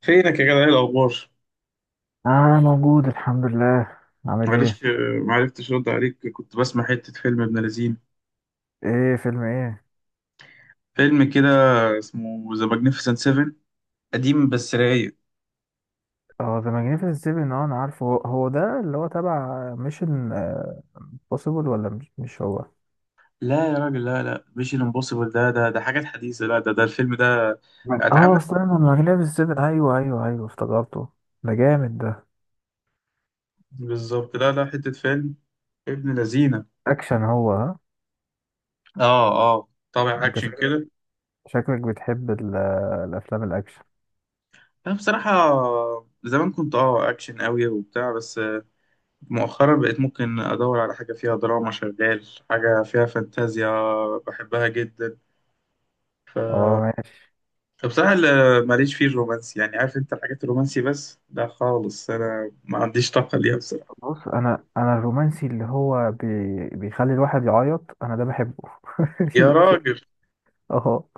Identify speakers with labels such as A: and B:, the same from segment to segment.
A: فينك يا جدع، ايه الاخبار؟
B: اه موجود الحمد لله. عامل ايه؟
A: معلش، معرفتش ارد عليك، كنت بسمع حته فيلم ابن لذين.
B: ايه، فيلم ايه؟
A: فيلم كده اسمه ذا ماجنيفيسنت 7، قديم بس رايق.
B: اه، ذا ماجنيفيسنت سيفن، انا عارفه، هو ده اللي هو تبع ميشن بوسيبل، ولا مش هو؟
A: لا يا راجل، لا لا، مش الامبوسيبل ده حاجات حديثه. لا، ده الفيلم ده
B: اه،
A: اتعمل
B: استنى، ماجنيفيسنت سيفن، ايوه ايوه ايوه، افتكرته. ده جامد ده.
A: بالظبط. لا لا، حته فيلم ابن لذينه.
B: اكشن هو، ها؟
A: اه اه، طابع
B: انت
A: اكشن
B: شكلك،
A: كده.
B: بتحب الافلام الاكشن.
A: انا بصراحه زمان كنت اكشن قوي وبتاع، بس مؤخرا بقيت ممكن ادور على حاجه فيها دراما، شغال حاجه فيها فانتازيا، بحبها جدا.
B: اه، ماشي.
A: فبصراحة ماليش فيه الرومانسي، يعني عارف انت الحاجات الرومانسي بس ده خالص، انا ما عنديش طاقة ليها بصراحة.
B: بص، انا الرومانسي اللي هو بيخلي الواحد يعيط، انا ده بحبه.
A: يا راجل.
B: اه.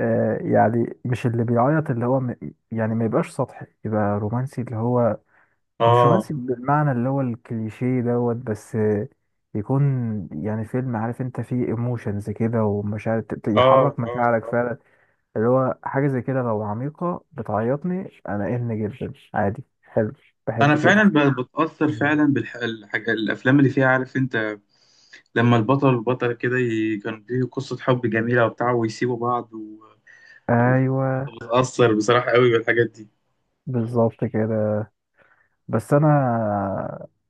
B: يعني مش اللي بيعيط، اللي هو يعني ما يبقاش سطحي، يبقى رومانسي اللي هو مش
A: اه
B: رومانسي بالمعنى اللي هو الكليشيه دوت، بس يكون، يعني فيلم عارف انت فيه ايموشنز كده ومشاعر
A: اه
B: يحرك
A: اه
B: مشاعرك
A: آه.
B: فعلا. اللي هو حاجة زي كده لو عميقة بتعيطني انا، ان جدا عادي، حلو،
A: انا
B: بحب
A: فعلا
B: كده.
A: بتأثر فعلا بالحاجة، الافلام اللي فيها عارف انت، لما البطل والبطلة كده كان فيه قصة حب جميلة وبتاع، ويسيبوا بعض،
B: ايوه،
A: وبتأثر بصراحة قوي بالحاجات دي.
B: بالظبط كده. بس انا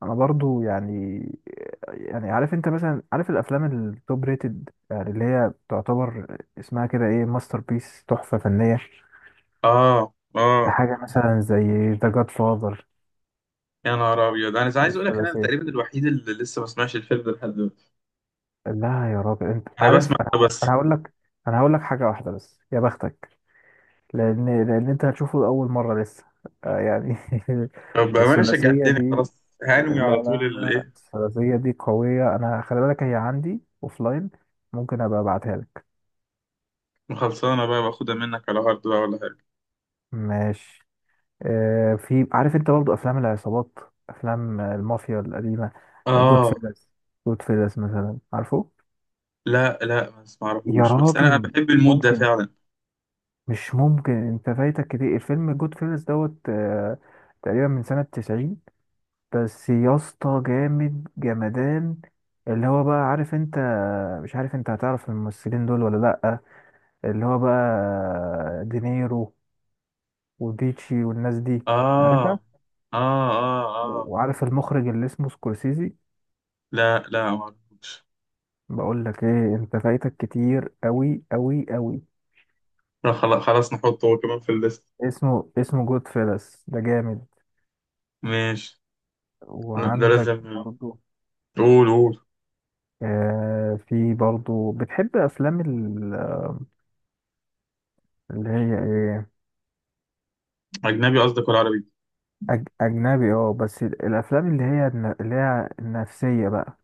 B: انا برضو يعني، عارف انت مثلا، عارف الافلام التوب ريتد، يعني اللي هي تعتبر اسمها كده ايه، ماستر بيس، تحفة فنية.
A: اه اه.
B: حاجة مثلا زي ذا جاد فاذر،
A: يا نهار ابيض، انا عايز اقول لك انا
B: الثلاثية.
A: تقريبا الوحيد اللي لسه ما سمعش الفيلم ده لحد دلوقتي.
B: لا يا راجل، انت
A: انا بسمع
B: عارف انا،
A: بس.
B: انا هقول لك هقول لك حاجة واحدة بس يا بختك، لأن أنت هتشوفه لأول مرة لسه، يعني.
A: طب بأمانة
B: الثلاثية
A: شجعتني،
B: دي،
A: خلاص هنوي
B: لا
A: على طول
B: لا لا،
A: الإيه،
B: الثلاثية دي قوية. أنا خلي بالك، هي عندي أوفلاين، ممكن أبقى أبعتها لك.
A: وخلصانة بقى باخدها منك على هارد بقى ولا حاجة.
B: ماشي. في، عارف أنت، برضو أفلام العصابات، أفلام المافيا القديمة. جود
A: آه،
B: فيلز، جود فيلز مثلا، عارفه؟
A: لا لا، بس
B: يا
A: معرفوش، بس أنا
B: راجل،
A: بحب المود ده
B: ممكن
A: فعلا.
B: مش ممكن، أنت فايتك كتير، الفيلم جود فيلز دوت، تقريبا من سنة 90، بس يا اسطى جامد جمدان. اللي هو بقى عارف انت، مش عارف انت هتعرف الممثلين دول ولا لأ، اللي هو بقى دينيرو وبيتشي والناس دي، عارفها؟
A: آه آه آه. آه
B: وعارف المخرج اللي اسمه سكورسيزي؟
A: لا لا، معرفوش.
B: بقول لك ايه، انت فايتك كتير قوي قوي قوي.
A: لا خلاص خلاص، نحطه هو كمان في الليست.
B: اسمه جود فيلس، ده جامد.
A: ماشي. لا، ده
B: وعندك
A: لازم.
B: برضو
A: قول قول.
B: في برضو، بتحب افلام اللي هي ايه،
A: أجنبي قصدك ولا عربي؟
B: أجنبي؟ اه بس الأفلام اللي هي النفسية بقى،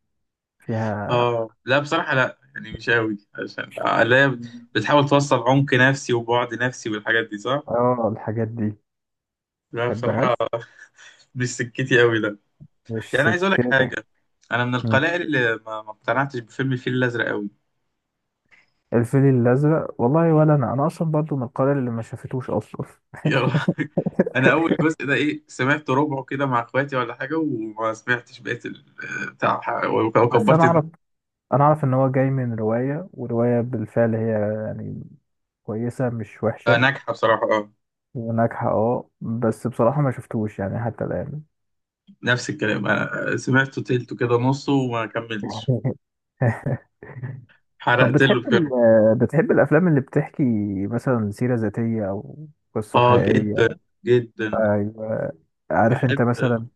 B: فيها.
A: آه لا بصراحة، لا يعني مش قوي، عشان لا. بتحاول توصل عمق نفسي، وبعد نفسي والحاجات دي صح؟
B: اه، الحاجات دي،
A: لا بصراحة
B: متحبهاش،
A: مش سكتي قوي.
B: مش
A: يعني عايز اقول لك
B: سكتك.
A: حاجه، انا من
B: مم.
A: القلائل اللي ما اقتنعتش بفيلم الفيل الازرق قوي.
B: الفيل الأزرق والله، ولا أنا، أصلا برضو من القارئ اللي ما شافتوش أصلا.
A: يا رب. انا اول جزء ده ايه، سمعت ربعه كده مع اخواتي ولا حاجه، وما سمعتش بقيه بتاع،
B: بس
A: وكبرت دماغي.
B: أنا أعرف إن هو جاي من رواية، ورواية بالفعل هي يعني كويسة، مش وحشة،
A: ناجحه بصراحه، اه.
B: وناجحة اه، بس بصراحة ما شفتوش يعني حتى الآن.
A: نفس الكلام، أنا سمعته تلته كده نصه وما كملتش.
B: طب
A: حرقت له
B: بتحب
A: الفيلم.
B: بتحب الافلام اللي بتحكي مثلا سيرة ذاتية، او قصة
A: اه
B: حقيقية؟
A: جدا جدا.
B: ايوه، عارف
A: بحب
B: انت مثلا،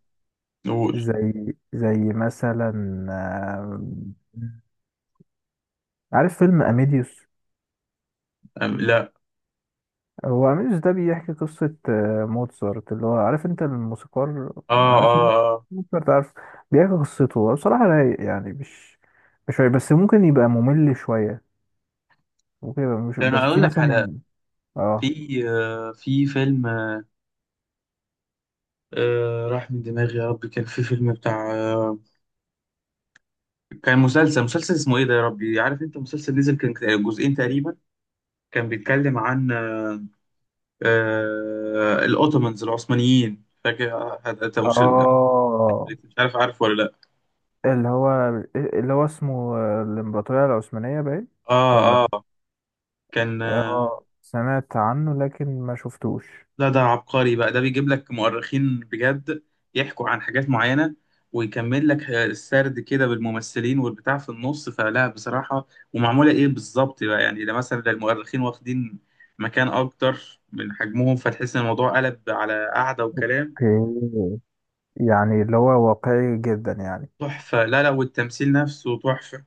A: نقول.
B: زي مثلا، آم، عارف فيلم اميديوس؟
A: لا
B: هو اميديوس ده بيحكي قصة موتسارت، اللي هو عارف انت الموسيقار،
A: اه اه
B: عارف
A: اه.
B: موتسارت؟ عارف، بيحكي قصته هو. بصراحة رايق يعني، مش رايق، بس ممكن يبقى ممل شوية، ممكن يبقى مش،
A: ده
B: بس
A: انا
B: في
A: اقول لك على.
B: مثلا. اه،
A: في فيلم، راح من دماغي يا رب، كان في فيلم بتاع، كان مسلسل اسمه ايه ده يا ربي؟ عارف انت مسلسل نزل كان جزئين تقريبا، كان بيتكلم عن الاوتومانز العثمانيين، فاكر؟ انت مش
B: اه.
A: مش عارف، عارف ولا لا؟
B: اللي هو اللي هو اسمه الإمبراطورية العثمانية باين،
A: اه
B: ولا؟
A: اه، كان،
B: اه، سمعت عنه لكن ما شفتوش.
A: لا ده عبقري بقى، ده بيجيب لك مؤرخين بجد يحكوا عن حاجات معينة، ويكمل لك السرد كده بالممثلين والبتاع في النص، فلا بصراحة. ومعمولة ايه بالظبط بقى، يعني ده مثلا، ده المؤرخين واخدين مكان اكتر من حجمهم، فتحس ان الموضوع قلب على قعدة وكلام.
B: اوكي، يعني اللي هو واقعي جدا يعني.
A: تحفة، لا لا والتمثيل نفسه تحفة،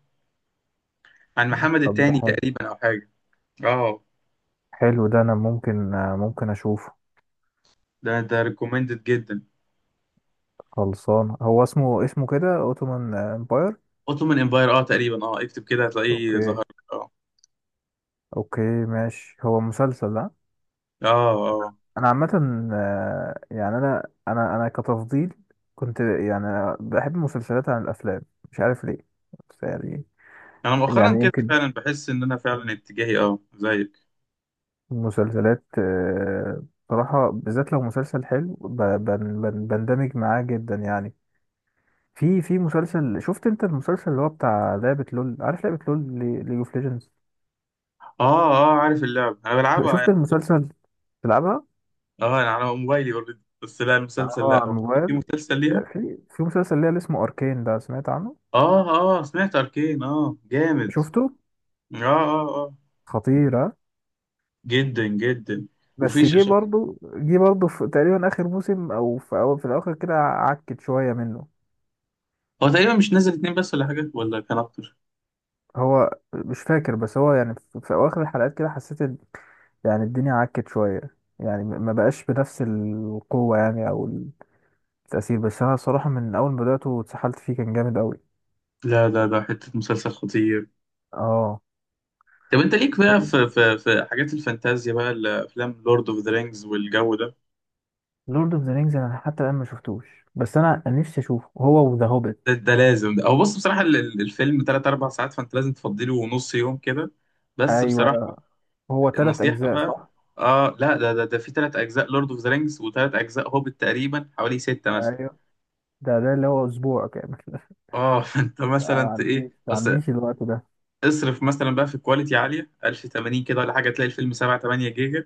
A: عن محمد
B: طب ده
A: التاني
B: حلو،
A: تقريبا او حاجة. اه.
B: حلو ده، انا ممكن، ممكن اشوفه.
A: ده ريكومندد جدا.
B: خلصان، هو اسمه كده اوتومان امباير.
A: اوتومان امباير، اه تقريبا، اه اكتب كده هتلاقيه
B: اوكي،
A: ظهر لك. اه.
B: اوكي، ماشي. هو مسلسل ده.
A: اه،
B: انا عامة يعني، انا كتفضيل كنت يعني بحب المسلسلات عن الافلام، مش عارف ليه، بس يعني،
A: انا مؤخرا كده
B: يمكن
A: فعلا بحس ان انا فعلا اتجاهي اه زيك.
B: مسلسلات، بصراحة بالذات لو مسلسل حلو، بندمج معاه جدا يعني. في مسلسل، شفت انت المسلسل اللي هو بتاع لعبة لول؟ عارف لعبة لول، ليج اوف ليجندز؟
A: اه اه، عارف اللعبه، انا بلعبها
B: شفت
A: يعني.
B: المسلسل؟ تلعبها؟
A: اه انا على موبايلي اوريدي، بس لا
B: اه،
A: المسلسل
B: على
A: لا. هو في
B: الموبايل.
A: مسلسل ليها؟
B: في مسلسل ليه اللي اسمه اركين، ده سمعت عنه؟
A: اه اه، سمعت اركين، اه جامد.
B: شفته؟
A: اه اه اه،
B: خطيرة.
A: جدا جدا. وفي
B: بس جه برضه في تقريبا اخر موسم، او في، أو في الاخر كده، عكت شوية منه.
A: هو تقريبا مش نازل اتنين بس ولا حاجه، ولا كان اكتر؟
B: هو مش فاكر، بس هو يعني في اواخر الحلقات كده حسيت يعني الدنيا عكت شوية، يعني ما بقاش بنفس القوة يعني، أو التأثير، بس أنا صراحة من أول ما بدأته واتسحلت فيه كان جامد أوي.
A: لا ده حته مسلسل خطير.
B: اه،
A: طب انت ليك بقى في حاجات الفانتازيا بقى، الافلام، لورد اوف ذا رينجز والجو ده؟
B: لورد اوف ذا رينجز أنا حتى الآن ما شفتوش، بس أنا نفسي أشوفه، هو وذا هوبيت.
A: ده لازم ده. او بص بصراحه، الفيلم 3 4 ساعات، فانت لازم تفضي له نص يوم كده، بس بصراحه
B: أيوه. هو تلات
A: النصيحه
B: أجزاء،
A: بقى.
B: صح؟
A: اه لا ده في ثلاث اجزاء لورد اوف ذا رينجز، وثلاث اجزاء هوبت، تقريبا حوالي سته مثلا.
B: أيوه، ده اللي هو أسبوع كامل.
A: اه فانت
B: ما
A: مثلا ايه
B: ما
A: بس.
B: عنديش الوقت ده.
A: اصرف مثلا بقى في كواليتي عاليه 1080 كده ولا حاجه، تلاقي الفيلم 7 8 جيجا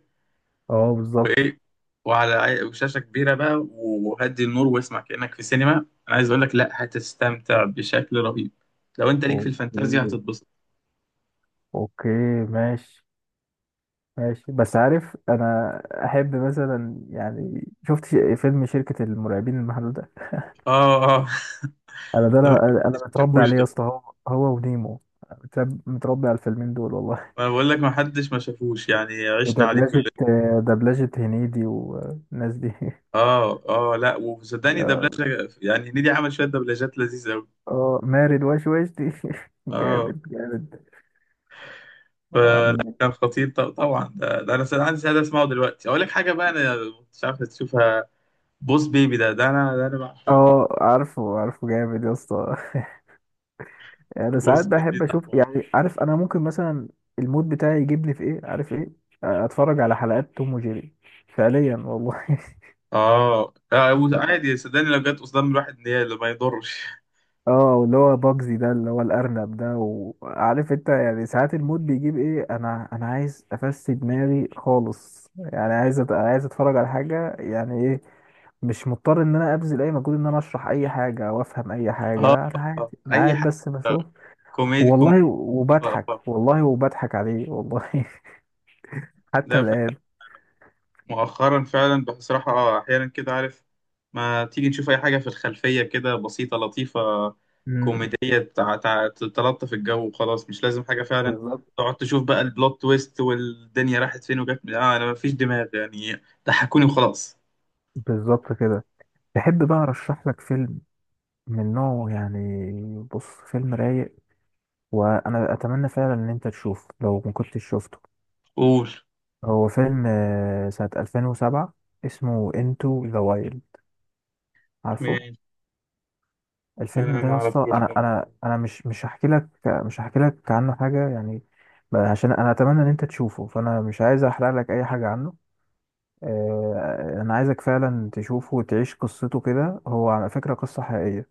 B: اه، بالظبط.
A: وايه، وعلى شاشه كبيره بقى، وهدي النور واسمع كانك في سينما. انا عايز اقول لك، لا هتستمتع بشكل رهيب، لو انت ليك في الفانتازيا
B: اوكي،
A: هتتبسط.
B: اوكي، ماشي، ماشي. بس عارف انا، احب مثلا يعني، شفت فيلم شركة المرعبين المحدودة ده؟
A: اه اه
B: انا ده،
A: لا، ما حدش
B: انا
A: ما
B: متربي
A: شافوش
B: عليه يا
A: ده.
B: اسطى، هو، ونيمو، متربي على الفيلمين دول والله.
A: ما بقول لك، ما حدش ما شافوش، يعني عشنا عليه كلنا.
B: دبلجة دبلجة هنيدي والناس دي.
A: اه اه، لا وصدقني
B: يا-
A: دبلجه، يعني نيدي عمل شويه دبلجات لذيذه قوي.
B: اه، مارد واش واش دي.
A: اه.
B: جامد جامد. اه.
A: فكان خطير. طبعا ده انا سأل عندي سعاده اسمعه دلوقتي. اقول لك حاجه بقى، انا مش عارف تشوفها، بوس بيبي ده، ده انا بعشقه.
B: عارفه عارفه جامد يا اسطى. يعني انا
A: بوس
B: ساعات
A: بيبي
B: بحب
A: ده
B: اشوف،
A: حوار.
B: يعني عارف انا ممكن مثلا، المود بتاعي يجيبني في ايه، عارف ايه، اتفرج على حلقات توم وجيري، فعليا والله.
A: اه، عادي صدقني، لو جت قدام الواحد نيال ما يضرش.
B: اه، واللي هو باجزي ده، اللي هو الارنب ده، وعارف انت يعني ساعات المود بيجيب ايه، انا عايز افسد دماغي خالص، يعني عايز عايز اتفرج على حاجه، يعني ايه، مش مضطر ان انا ابذل اي مجهود ان انا اشرح اي حاجه او افهم اي حاجه،
A: اه
B: لا انا
A: آه.
B: عادي، انا
A: اي
B: قاعد
A: حاجه
B: بس بشوف.
A: كوميدي كوميدي.
B: والله
A: اه
B: وبضحك، والله وبضحك عليه والله. حتى
A: ده
B: الآن.
A: مؤخرا فعلا بصراحة، أحيانا كده عارف، ما تيجي نشوف أي حاجة في الخلفية كده، بسيطة لطيفة
B: امم
A: كوميدية، تلطف الجو وخلاص، مش لازم حاجة فعلا.
B: بالظبط،
A: تقعد تشوف بقى البلوت تويست، والدنيا راحت فين وجت أنا مفيش دماغ يعني، ضحكوني وخلاص.
B: بالظبط كده. تحب بقى ارشح لك فيلم من نوعه يعني؟ بص، فيلم رايق، وانا اتمنى فعلا ان انت تشوفه لو ما كنتش شفته.
A: قول.
B: هو فيلم سنة 2007، اسمه انتو ذا وايلد، عارفه؟
A: مين؟
B: الفيلم
A: أنا
B: ده
A: ما
B: يا اسطى،
A: أعرفوش.
B: انا مش هحكي لك، عنه حاجة يعني، عشان انا اتمنى ان انت تشوفه، فانا مش عايز احرق لك اي حاجة عنه. انا عايزك فعلا تشوفه وتعيش قصته كده، هو على فكره قصه حقيقيه،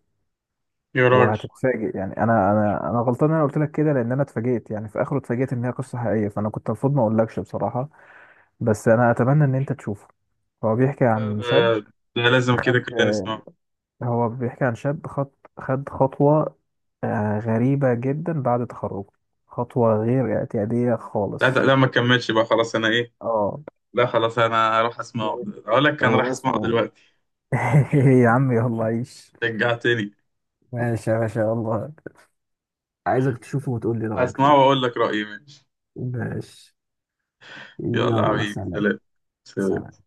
A: يا راجل.
B: وهتتفاجئ، يعني انا غلطان ان انا قلت لك كده، لان انا اتفاجئت يعني في اخره، اتفاجئت ان هي قصه حقيقيه، فانا كنت المفروض ما اقولكش بصراحه، بس انا اتمنى ان انت تشوفه. هو بيحكي
A: لا
B: عن شاب
A: ده لازم، كده
B: خد
A: كده نسمعه.
B: هو بيحكي عن شاب خد خطوه غريبه جدا بعد تخرجه، خطوه غير اعتياديه
A: لا
B: خالص.
A: لا ما كملش بقى خلاص أنا إيه.
B: اه،
A: لا خلاص، أنا راح أسمعه،
B: يعني
A: أقول لك أنا راح
B: هو
A: أسمعه
B: اسمه.
A: دلوقتي.
B: يا عم، يلا عيش.
A: رجعتني.
B: ماشي يا باشا، يلا عايزك تشوفه وتقول لي رأيك
A: اسمعه
B: فيه.
A: واقول لك رايي، ماشي.
B: ماشي.
A: يلا يا
B: يلا
A: حبيبي
B: سلام.
A: سلام. سلام.
B: سلام.